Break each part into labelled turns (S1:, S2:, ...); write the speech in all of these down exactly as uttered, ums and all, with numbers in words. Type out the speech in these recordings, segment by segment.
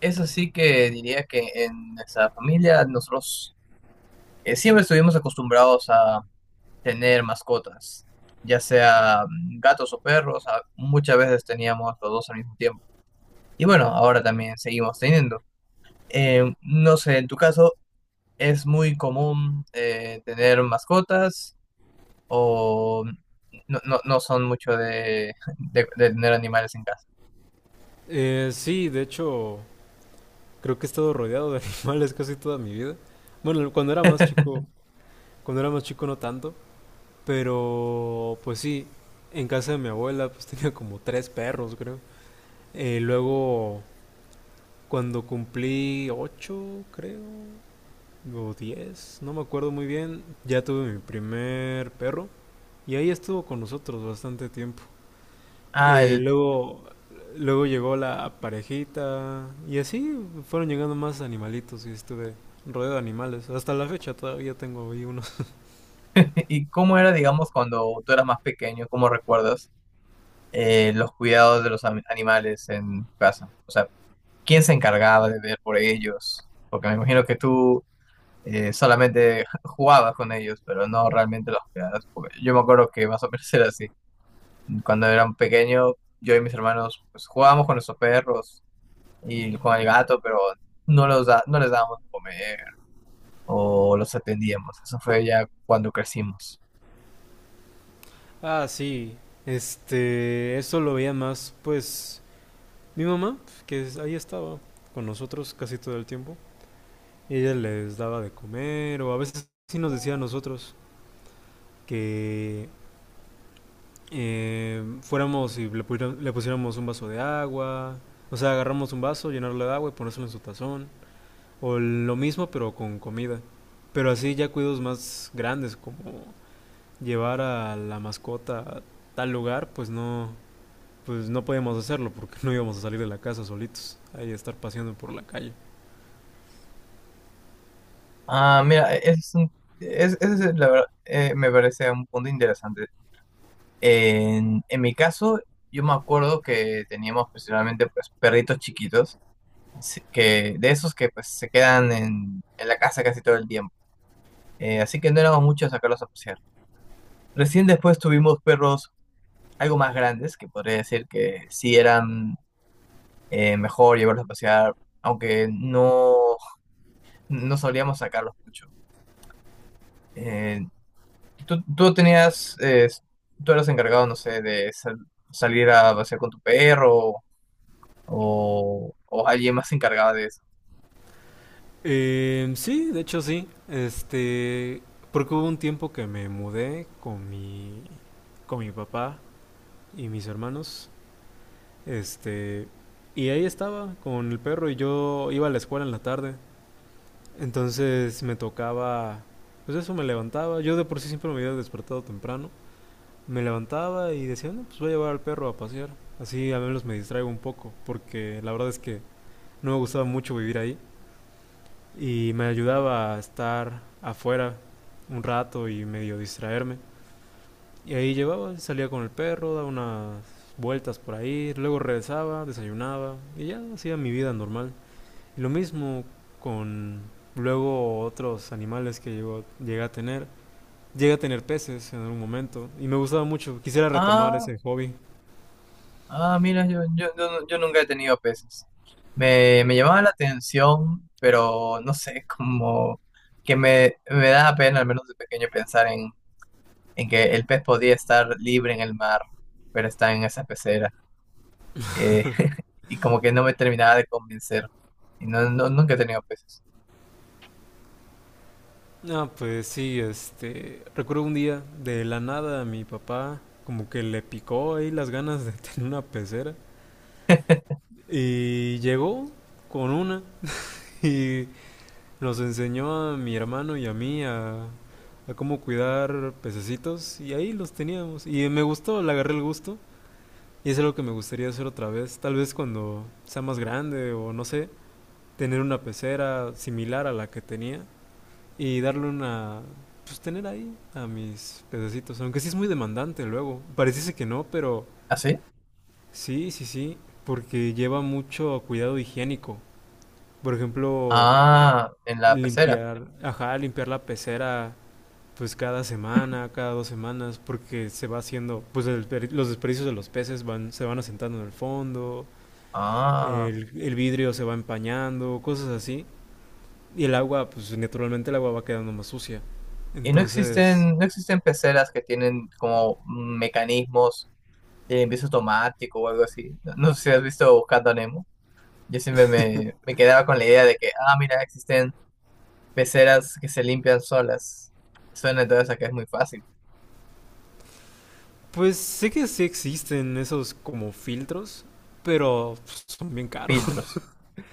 S1: Eso sí que diría que en nuestra familia nosotros eh, siempre estuvimos acostumbrados a tener mascotas, ya sea mm, gatos o perros, a- muchas veces teníamos los dos al mismo tiempo. Y bueno, ahora también seguimos teniendo. Eh, no sé, en tu caso, ¿es muy común eh, tener mascotas o no, no- no son mucho de, de- de tener animales en casa?
S2: Eh, sí, de hecho, creo que he estado rodeado de animales casi toda mi vida. Bueno, cuando era más chico, cuando era más chico no tanto, pero pues sí, en casa de mi abuela pues tenía como tres perros, creo. Eh, luego, cuando cumplí ocho, creo, o diez, no me acuerdo muy bien, ya tuve mi primer perro y ahí estuvo con nosotros bastante tiempo.
S1: Ah,
S2: Eh,
S1: el-
S2: luego, luego llegó la parejita y así fueron llegando más animalitos y estuve rodeado de animales. Hasta la fecha todavía tengo ahí unos.
S1: ¿Y cómo era, digamos, cuando tú eras más pequeño? ¿Cómo recuerdas eh, los cuidados de los am- animales en tu casa? O sea, ¿quién se encargaba de ver por ellos? Porque me imagino que tú eh, solamente jugabas con ellos, pero no realmente los cuidabas. Porque yo me acuerdo que más o menos era así. Cuando era un pequeño, yo y mis hermanos pues, jugábamos con nuestros perros y con el gato, pero no, los da- no les dábamos de comer o los atendíamos. Eso fue ya cuando crecimos.
S2: Ah, sí. Este, eso lo veía más, pues, mi mamá, que es- ahí estaba con nosotros casi todo el tiempo. Y ella les daba de comer o a veces sí nos decía a nosotros que eh, fuéramos y le, pudiera- le pusiéramos un vaso de agua. O sea, agarramos un vaso, llenarlo de agua y ponérselo en su tazón. O lo mismo pero con comida. Pero así ya cuidos más grandes, como llevar a la mascota a tal lugar, pues no, pues no podíamos hacerlo porque no íbamos a salir de la casa solitos, ahí a estar paseando por la calle.
S1: Ah, mira, ese es un, es, ese es, la verdad, eh, me parece un punto interesante. En, en mi caso, yo me acuerdo que teníamos principalmente pues perritos chiquitos, así que de esos que pues se quedan en, en la casa casi todo el tiempo. Eh, así que no éramos muchos a sacarlos a pasear. Recién después tuvimos perros algo más grandes, que podría decir que sí eran eh, mejor llevarlos a pasear, aunque no, no solíamos sacarlos mucho. Eh, tú, tú tenías, eh, tú eras encargado, no sé, de sal- salir a pasear con tu perro o, o alguien más se encargaba de eso.
S2: Eh, sí, de hecho sí, este, porque hubo un tiempo que me mudé con mi, con mi papá y mis hermanos, este, y ahí estaba con el perro y yo iba a la escuela en la tarde. Entonces me tocaba, pues eso me levantaba. Yo de por sí siempre me había despertado temprano. Me levantaba y decía, no, pues voy a llevar al perro a pasear. Así al menos me distraigo un poco, porque la verdad es que no me gustaba mucho vivir ahí. Y me ayudaba a estar afuera un rato y medio distraerme. Y ahí llevaba, salía con el perro, daba unas vueltas por ahí, luego regresaba, desayunaba y ya hacía mi vida normal. Lo mismo con luego otros animales que llegó, llegué a tener. Llegué a tener peces en algún momento y me gustaba mucho. Quisiera retomar
S1: Ah,
S2: ese hobby.
S1: ah, mira, yo, yo, yo, nu- yo nunca he tenido peces. Me, me llamaba la atención, pero no sé, como que me, me da pena, al menos de pequeño, pensar en, en que el pez podía estar libre en el mar, pero está en esa pecera. Eh, y como que no me terminaba de convencer. Y no, no, nunca he tenido peces.
S2: Ah, pues sí, este, recuerdo un día de la nada a mi papá como que le picó ahí las ganas de tener una pecera y llegó con una y nos enseñó a mi hermano y a mí a, a cómo cuidar pececitos y ahí los teníamos y me gustó, le agarré el gusto. Y es algo que me gustaría hacer otra vez, tal vez cuando sea más grande o no sé, tener una pecera similar a la que tenía y darle una... pues tener ahí a mis pececitos, aunque sí es muy demandante luego. Pareciese que no, pero
S1: ¿Ah, sí?
S2: sí, sí, sí, porque lleva mucho cuidado higiénico. Por ejemplo,
S1: Ah, en la pecera.
S2: limpiar, ajá, limpiar la pecera pues cada semana, cada dos semanas, porque se va haciendo, pues el- desper- los desperdicios de los peces van, se van asentando en el fondo,
S1: Ah.
S2: el, el vidrio se va empañando, cosas así. Y el agua, pues naturalmente el agua va quedando más sucia.
S1: Y no
S2: Entonces,
S1: existen, no existen peceras que tienen como mecanismos de limpieza automático o algo así. No, no sé si has visto Buscando a Nemo. Yo siempre me, me quedaba con la idea de que, ah, mira, existen peceras que se limpian solas. Suena entonces a que es muy fácil.
S2: pues sé que sí existen esos como filtros, pero pues, son bien caros.
S1: Filtros.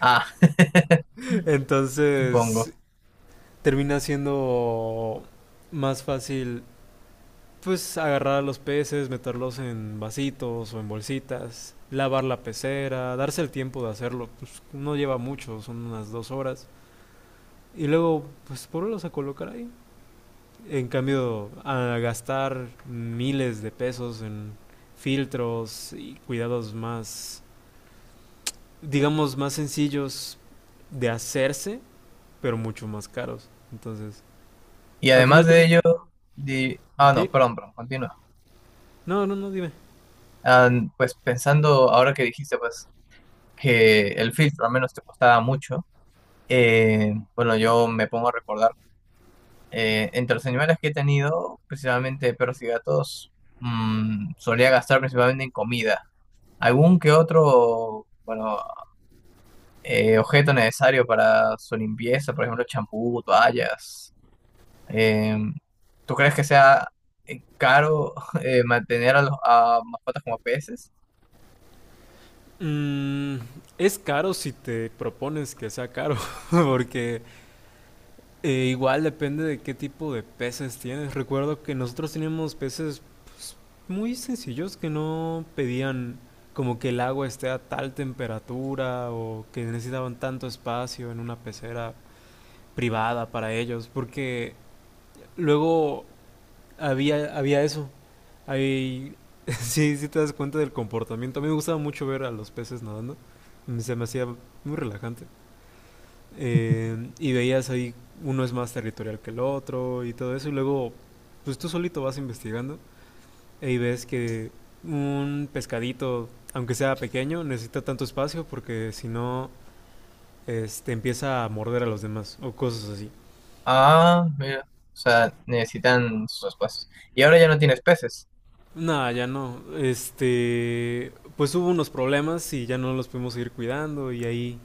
S1: Ah, supongo.
S2: Entonces, termina siendo más fácil pues agarrar a los peces, meterlos en vasitos o en bolsitas, lavar la pecera, darse el tiempo de hacerlo, pues no lleva mucho, son unas dos horas. Y luego, pues ponerlos a colocar ahí. En cambio, a gastar miles de pesos en filtros y cuidados más, digamos, más sencillos de hacerse, pero mucho más caros. Entonces,
S1: Y
S2: al
S1: además
S2: final...
S1: de
S2: term-
S1: ello, di- ah, no,
S2: Sí.
S1: perdón, perdón, continúa.
S2: No, no, no, dime.
S1: Ah, pues pensando ahora que dijiste, pues, que el filtro al menos te costaba mucho, eh, bueno, yo me pongo a recordar. Eh, entre los animales que he tenido, principalmente perros y gatos, mm, solía gastar principalmente en comida. Algún que otro, bueno, eh, objeto necesario para su limpieza, por ejemplo, champú, toallas. Eh, ¿Tú crees que sea eh, caro eh, mantener a, los, a mascotas como peces?
S2: Mm, es caro si te propones que sea caro, porque Eh, igual depende de qué tipo de peces tienes. Recuerdo que nosotros teníamos peces pues, muy sencillos que no pedían como que el agua esté a tal temperatura o que necesitaban tanto espacio en una pecera privada para ellos, porque luego había, había eso. Ahí sí, sí te das cuenta del comportamiento. A mí me gustaba mucho ver a los peces nadando. Se me hacía muy relajante eh, y veías ahí uno es más territorial que el otro y todo eso, y luego pues tú solito vas investigando e y ves que un pescadito, aunque sea pequeño, necesita tanto espacio porque si no este, empieza a morder a los demás o cosas así.
S1: Ah, mira, o sea, necesitan sus espacios. Y ahora ya no tienes peces.
S2: Nada, ya no. Este, pues hubo unos problemas y ya no los pudimos seguir cuidando y ahí,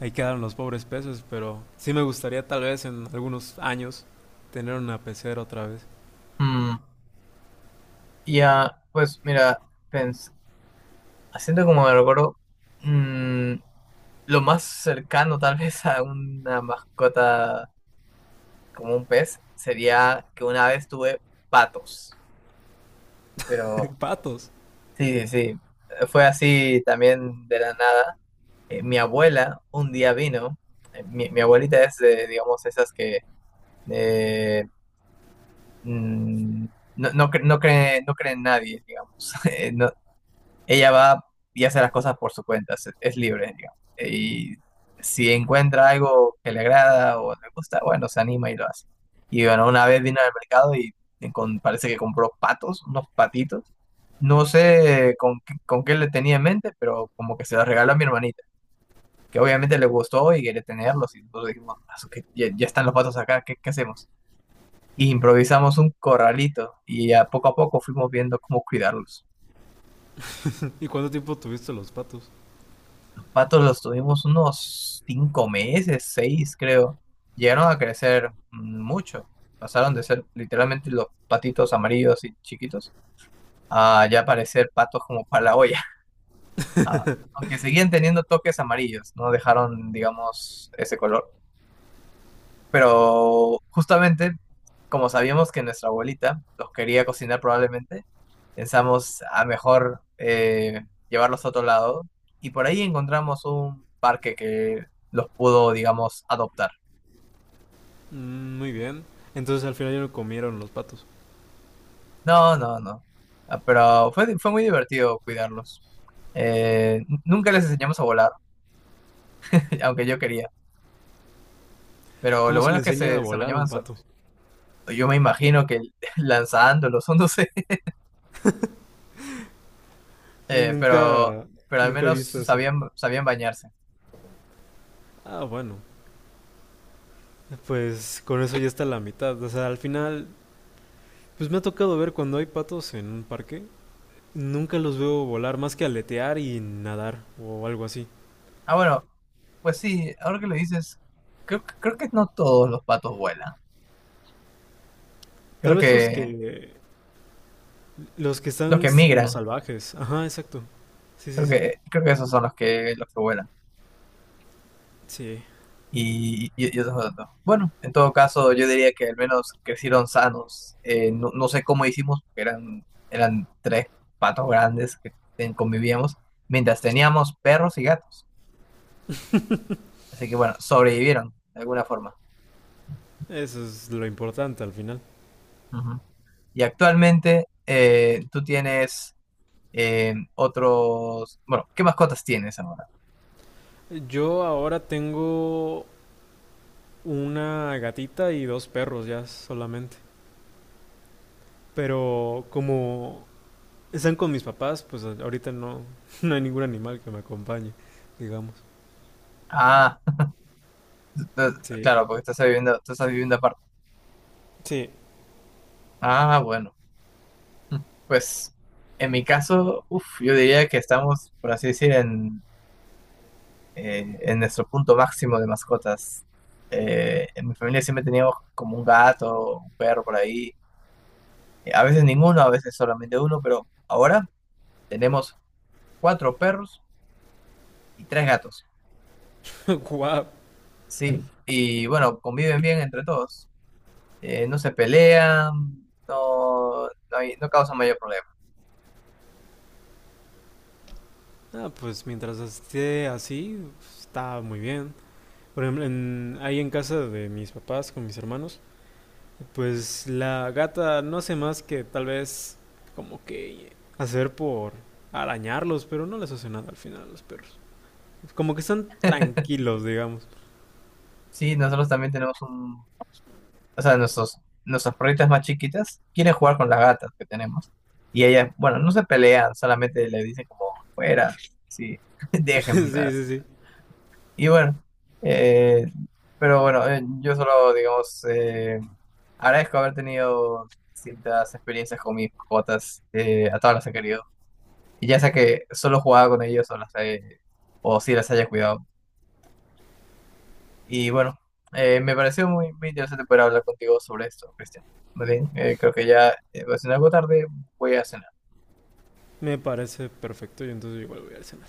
S2: ahí quedaron los pobres peces, pero sí me gustaría tal vez en algunos años tener una pecera otra vez.
S1: Mm, ya, pues mira, pens- haciendo como me recuerdo. mm, Lo más cercano tal vez a una mascota como un pez sería que una vez tuve patos, pero
S2: Patos.
S1: sí, sí, sí, fue así también de la nada. Eh, mi abuela un día vino, eh, mi, mi abuelita es de, digamos, esas que eh, mm, no, no, cre- no cree, no cree en nadie, digamos. Eh, no Ella va y hace las cosas por su cuenta, es, es libre, digamos. Y si encuentra algo que le agrada o le gusta, bueno, se anima y lo hace. Y bueno, una vez vino al mercado y con- parece que compró patos, unos patitos. No sé con, qué- con qué le tenía en mente, pero como que se los regaló a mi hermanita, que obviamente le gustó y quería tenerlos. Y nosotros dijimos, "Ah, su que ya, ya están los patos acá, ¿qué, qué hacemos?" Y improvisamos un corralito y a poco a poco fuimos viendo cómo cuidarlos.
S2: ¿Y cuánto tiempo tuviste los patos?
S1: Patos los tuvimos unos cinco meses, seis creo. Llegaron a crecer mucho. Pasaron de ser literalmente los patitos amarillos y chiquitos a ya parecer patos como para la olla. Ah, aunque seguían teniendo toques amarillos, no dejaron, digamos, ese color. Pero justamente, como sabíamos que nuestra abuelita los quería cocinar probablemente, pensamos a mejor eh, llevarlos a otro lado, y por ahí encontramos un parque que los pudo, digamos, adoptar.
S2: Mm, muy bien. Entonces al final ya lo comieron los patos.
S1: No, no, no. Ah, pero fue, fue muy divertido cuidarlos. Eh, Nunca les enseñamos a volar, aunque yo quería. Pero lo
S2: ¿Cómo se
S1: bueno
S2: le
S1: es que
S2: enseña a
S1: se, se
S2: volar a un
S1: bañaban
S2: pato?
S1: solos. Yo me imagino que lanzándolos, o no sé.
S2: Sí,
S1: Eh, pero,
S2: nunca,
S1: pero al
S2: nunca he
S1: menos
S2: visto eso.
S1: sabían, sabían bañarse.
S2: Ah, bueno. Pues con eso ya está la mitad. O sea, al final, pues me ha tocado ver cuando hay patos en un parque. Nunca los veo volar más que aletear y nadar o algo así.
S1: Ah, bueno, pues sí, ahora que lo dices, creo, que- creo que no todos los patos vuelan.
S2: Tal
S1: Creo
S2: vez los
S1: que
S2: que, los que
S1: los
S2: están
S1: que
S2: como
S1: migran,
S2: salvajes. Ajá, exacto. Sí, sí,
S1: creo
S2: sí.
S1: que, creo que esos son los que, los que vuelan.
S2: Sí,
S1: Y, y, y esos otros. Bueno, en todo caso, yo diría que al menos crecieron sanos. Eh, no, no sé cómo hicimos, porque eran, eran tres patos grandes que ten- convivíamos, mientras teníamos perros y gatos. Así que bueno, sobrevivieron de alguna forma.
S2: eso es lo importante al final.
S1: Ujú. Y actualmente eh, tú tienes eh, otros... Bueno, ¿qué mascotas tienes ahora?
S2: Yo ahora tengo una gatita y dos perros ya solamente. Pero como están con mis papás, pues ahorita no, no hay ningún animal que me acompañe, digamos.
S1: Ah, entonces,
S2: Sí,
S1: claro, porque estás viviendo, tú estás viviendo aparte.
S2: sí.
S1: Ah, bueno. Mm, Pues en mi caso, uf, yo diría que estamos, por así decir, en, eh, en nuestro punto máximo de mascotas. Eh, en mi familia siempre teníamos como un gato, un perro por ahí. Eh, a veces ninguno, a veces solamente uno, pero ahora tenemos cuatro perros y tres gatos.
S2: Guau.
S1: Sí, y bueno, conviven bien entre todos. Eh, no se pelean, no, no, hay- no causan mayor problema.
S2: Ah, pues mientras esté así, está muy bien. Por ejemplo, en- ahí en casa de mis papás con mis hermanos, pues la gata no hace más que tal vez como que hacer por arañarlos, pero no les hace nada al final a los perros. Como que están tranquilos, digamos.
S1: Sí, nosotros también tenemos un... o sea, nuestros, nuestras perritas más chiquitas quieren jugar con las gatas que tenemos. Y ellas, bueno, no se pelean, solamente le dicen como, fuera, sí, déjenme
S2: Sí,
S1: en
S2: sí,
S1: paz.
S2: sí.
S1: Y bueno, eh, pero bueno, eh, yo solo, digamos, eh, agradezco haber tenido distintas experiencias con mis mascotas, eh, a todas las he querido. Y ya sea que solo jugaba con ellos o las he- o si las haya cuidado. Y bueno, eh, me pareció muy, muy interesante poder hablar contigo sobre esto, Cristian. Más bien, eh, creo que ya eh, va siendo algo tarde, voy a cenar.
S2: Me parece perfecto y entonces igual voy al cine.